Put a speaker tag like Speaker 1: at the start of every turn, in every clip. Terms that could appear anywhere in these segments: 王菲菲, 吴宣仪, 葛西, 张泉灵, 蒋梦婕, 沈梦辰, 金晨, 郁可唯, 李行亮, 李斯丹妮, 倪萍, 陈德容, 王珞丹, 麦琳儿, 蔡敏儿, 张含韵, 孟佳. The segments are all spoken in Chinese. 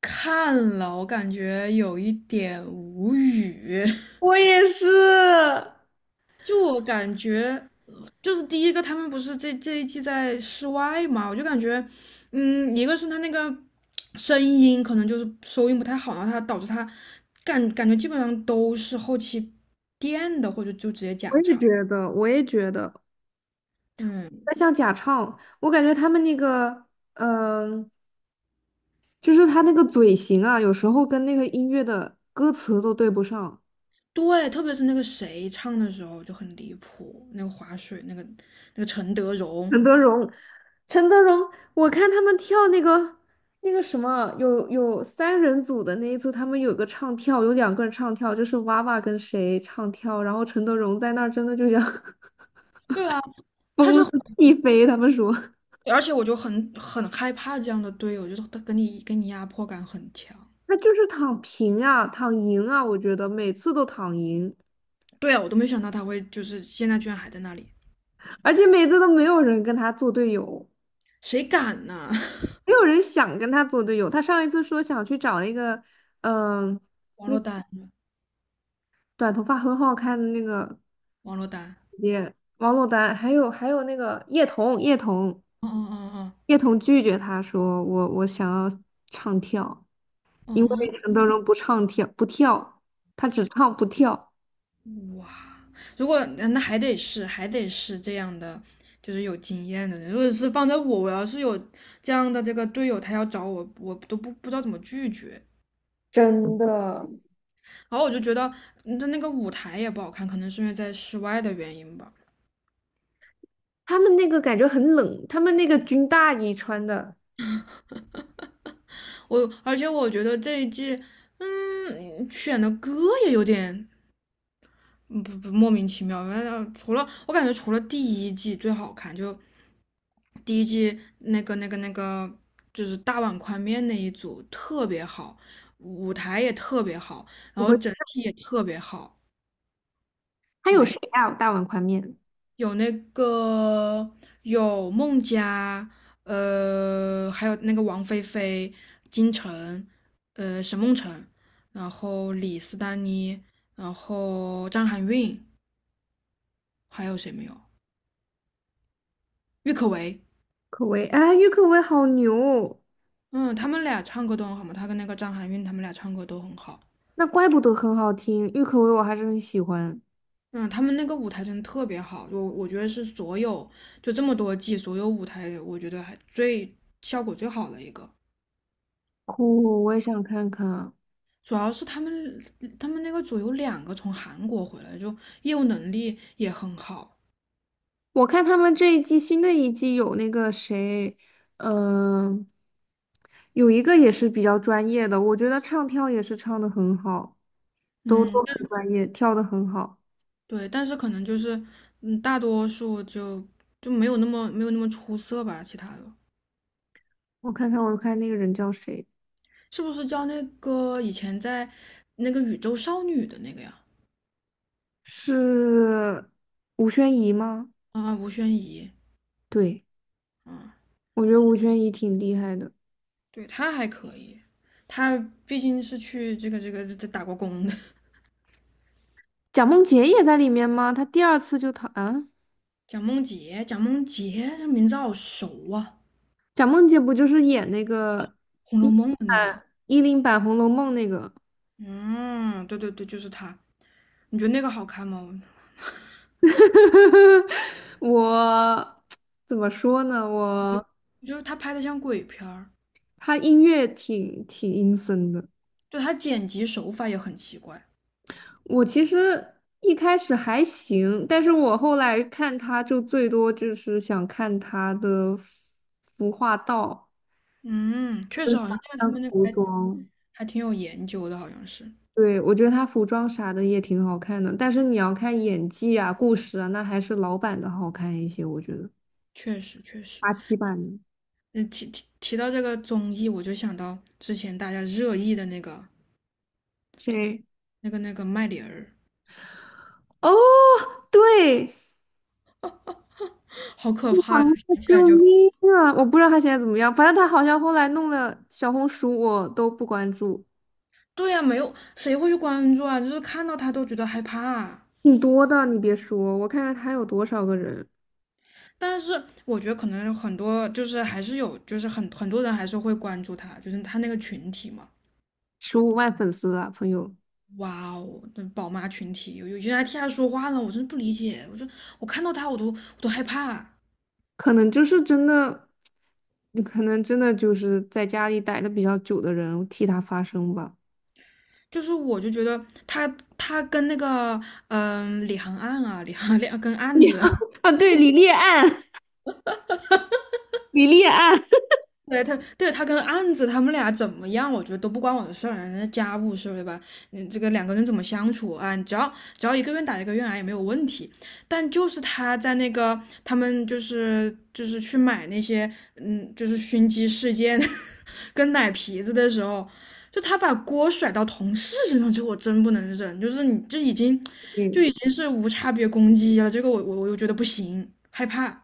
Speaker 1: 看了，我感觉有一点无语。
Speaker 2: 我也是。
Speaker 1: 就我感觉，就是第一个，他们不是这一季在室外嘛，我就感觉，一个是他那个声音可能就是收音不太好，然后他导致他感觉基本上都是后期垫的，或者就直接假唱。嗯，对，特别是那个谁唱的时候就很离谱，那个划水那个陈德容，对啊，他就而且我就很害怕这样的队友，就是他跟你压迫感很强。对啊，我都没想到他会就是现在居然还在那里，谁敢呢？王珞丹，王珞丹，哦哦，哦哦哦，嗯，哇！如果那还得是这样的，就是有经验的人。如果是放在我，我要是有这样的这个队友，他要找我，我都不知道怎么拒绝。然后我就觉得他那个舞台也不好看，可能是因为在室外的原因吧。而且我觉得这一季，选的歌也有点嗯不不莫名其妙。原来除了我感觉除了第一季最好看，就第一季那个就是大碗宽面那一组特别好，舞台也特别好，然后整体也特别好。有那个，有孟佳，还有那个王菲菲、金晨，沈梦辰，然后李斯丹妮，然后张含韵，还有谁没有？郁可唯，嗯，他们俩唱歌都很好嘛，他跟那个张含韵他们俩唱歌都很好。嗯，他们那个舞台真的特别好，我觉得是所有就这么多季所有舞台，我觉得最效果最好的一个。主要是他们那个组有两个从韩国回来，就业务能力也很好。嗯，但对，但是可能就是，嗯，大多数就就没有那么出色吧，其他的是不是叫那个以前在那个宇宙少女的那个呀？啊，吴宣仪，嗯，对，她还可以，她毕竟是去这打过工的。蒋梦婕，蒋梦婕这名字好熟啊，《红楼梦》的那个。嗯，对，就是他。你觉得那个好看吗？我觉得他拍的像鬼片儿，就他剪辑手法也很奇怪。嗯，确实，好像那个他们那个还挺有研究的，好像是。确实。嗯，提到这个综艺，我就想到之前大家热议的那个麦琳儿，好可怕！呀。想起来就……对呀、没有谁会去关注啊，就是看到他都觉得害怕。但是我觉得可能很多就是还是有，就是很多人还是会关注他，就是他那个群体嘛。哇哦，那宝妈群体有些人还替他说话呢，我真的不理解。我说我看到他我都害怕，就是我就觉得他跟那个李行案啊，李行两跟案子，
Speaker 2: 对，李烈案，李烈案，
Speaker 1: 对他，对他跟案子他们俩怎么样，我觉得都不关我的事儿，人家家务事儿对吧？嗯，这个两个人怎么相处啊？只要一个愿打一个愿挨也没有问题。但就是他在那个他们就是去买那些就是熏鸡事件 跟奶皮子的时候，就他把锅甩到同事身上，这我真不能忍。就是你这已经就已经是无差别攻击了，这个我又觉得不行，害怕。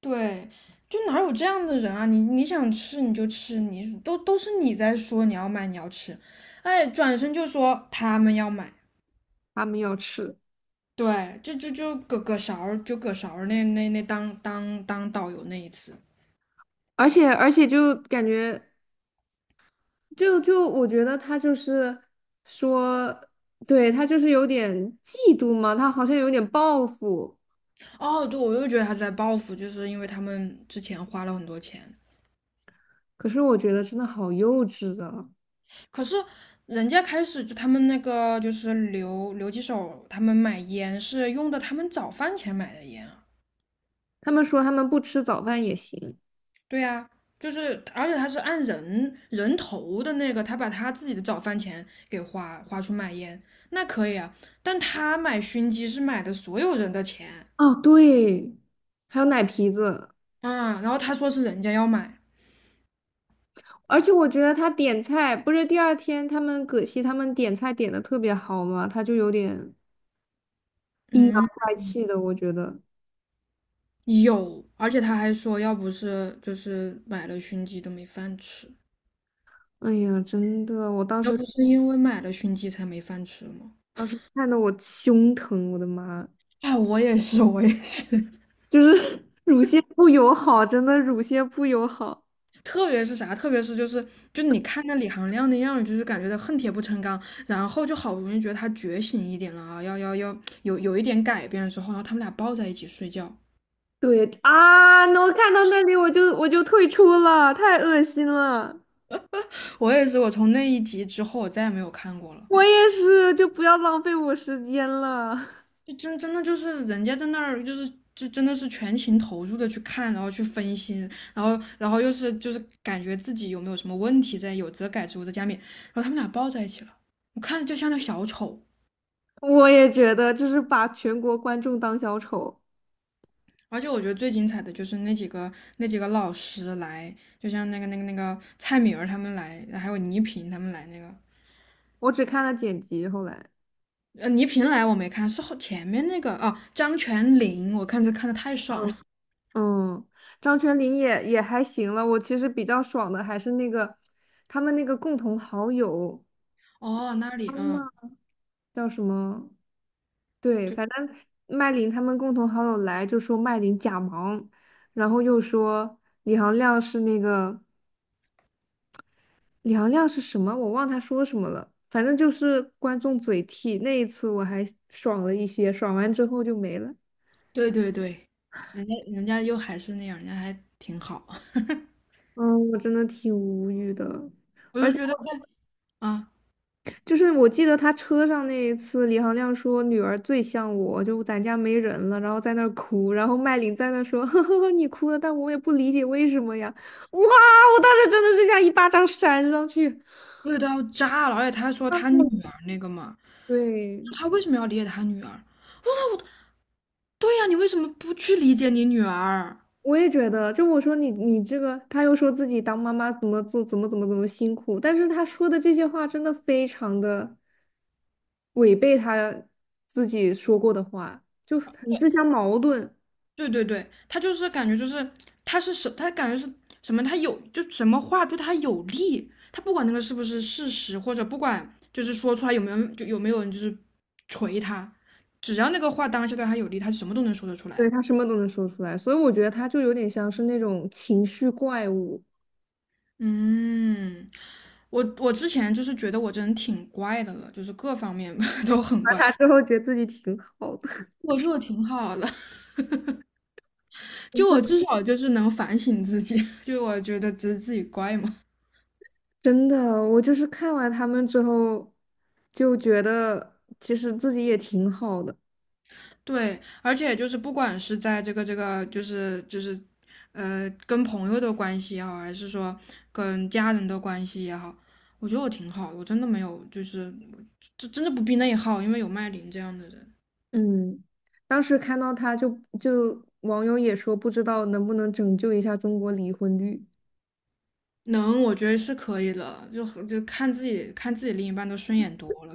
Speaker 1: 对，就哪有这样的人啊？你你想吃你就吃，你都是你在说你要买你要吃，哎，转身就说他们要买，对，就葛勺儿那当导游那一次，哦，对，我又觉得他是在报复，就是因为他们之前花了很多钱，可是人家开始就他们那个就是留几手，他们买烟是用的他们早饭钱买的烟啊。对呀，就是，而且他是按人头的那个，他把他自己的早饭钱给花出买烟，那可以啊。但他买熏鸡是买的所有人的钱啊，然后他说是人家要买，嗯，有，而且他还说要不是就是买了熏鸡都没饭吃，要不是因为买了熏鸡才没饭吃吗？啊，我也是，我也是。特别是啥？特别是就是就你看那李行亮那样，就是感觉他恨铁不成钢，然后就好不容易觉得他觉醒一点了啊，要有一点改变之后，然后他们俩抱在一起睡觉。我也是，我从那一集之后，我再也没有看过了。就真的就是人家在那儿就是。就真的是全情投入的去看，然后去分析，然后又是就是感觉自己有没有什么问题在，有则改之，无则加勉。然后他们俩抱在一起了，我看着就像那小丑。而且我觉得最精彩的就是那几个那几个老师来，就像那个蔡敏儿他们来，还有倪萍他们来那个，倪萍来我没看，是前面那个哦，张泉灵，我看是看的太爽了，哦，那里，嗯，就对，人家又还是那样，人家还挺好，我就觉得啊，对都要炸了，而且他说他女儿那个嘛，他为什么要理解他女儿？哦，对呀，你为什么不去理解你女儿？对，他就是感觉就是他是什，他感觉是什么，他有就什么话对他有利，他不管那个是不是事实，或者不管就是说出来有没有人就是锤他，只要那个话当下对他有利，他什么都能说得出来。嗯，我之前就是觉得我这人挺怪的了，就是各方面 都很怪，我觉得我挺好的，就我至少就是能反省自己，就我觉得只是自己怪嘛。对，而且就是不管是在这个，就是，呃，跟朋友的关系也好，还是说跟家人的关系也好，我觉得我挺好的，我真的没有就是，这真的不必内耗，因为有麦琳这样的人，能，我觉得是可以的，就和就看自己看自己另一半都顺眼多了，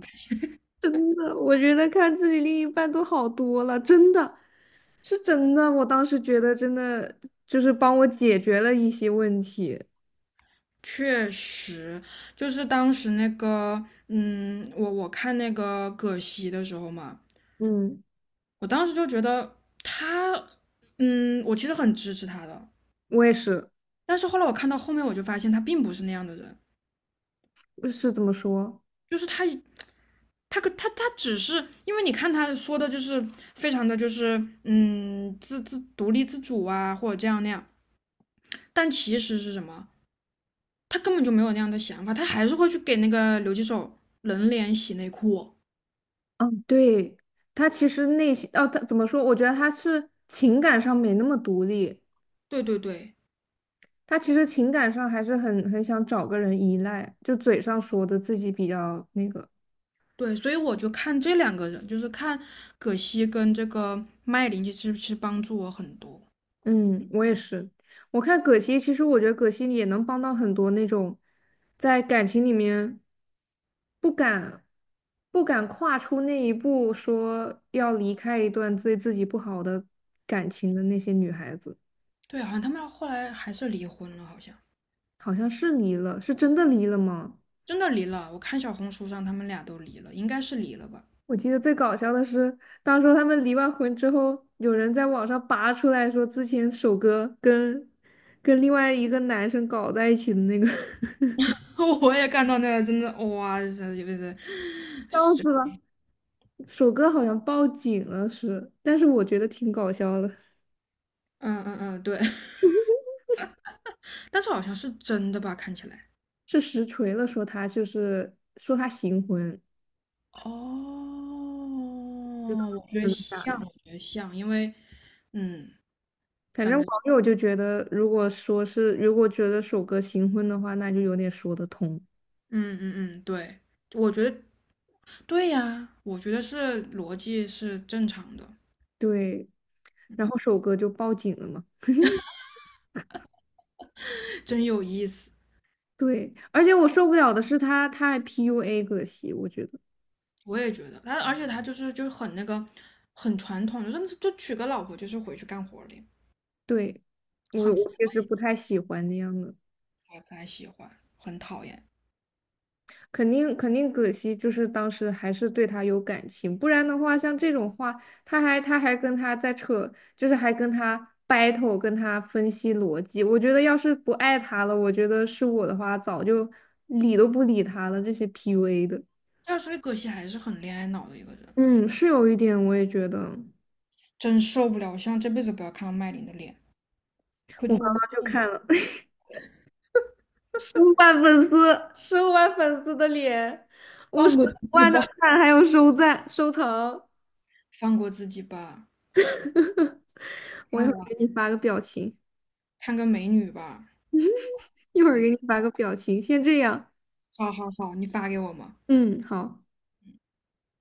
Speaker 1: 确实，就是当时那个，嗯，我看那个葛西的时候嘛，我当时就觉得他，嗯，我其实很支持他的。但是后来我看到后面，我就发现他并不是那样的人，就是他他只是因为你看他说的就是非常的就是独立自主啊，或者这样那样，但其实是什么？他根本就没有那样的想法，他还是会去给那个留几手冷脸洗内裤。对对，所以我就看这两个人，就是看葛西跟这个麦琳，其实帮助我很多。对，好像他们后来还是离婚了，好像。真的离了，我看小红书上他们俩都离了，应该是离了吧？我也看到那个，真的哇，这，是，嗯嗯嗯，对，但是好像是真的吧？看起来。哦，我觉得像，我觉得像，因为，嗯，感觉，嗯嗯嗯，对，我觉得对呀，我觉得是逻辑是正常的，真有意思，我也觉得。而且他就是就很那个，很传统，就是就娶个老婆就是回去干活了呀，很烦，我也不太喜欢，很讨厌。但是所以葛西还是很恋爱脑的一个人，真受不了！我希望这辈子不要看到麦琳的脸，会做噩梦。放过自己吧。放过自己吧，看我，看个美女吧。哎，好好好，你发给我吗？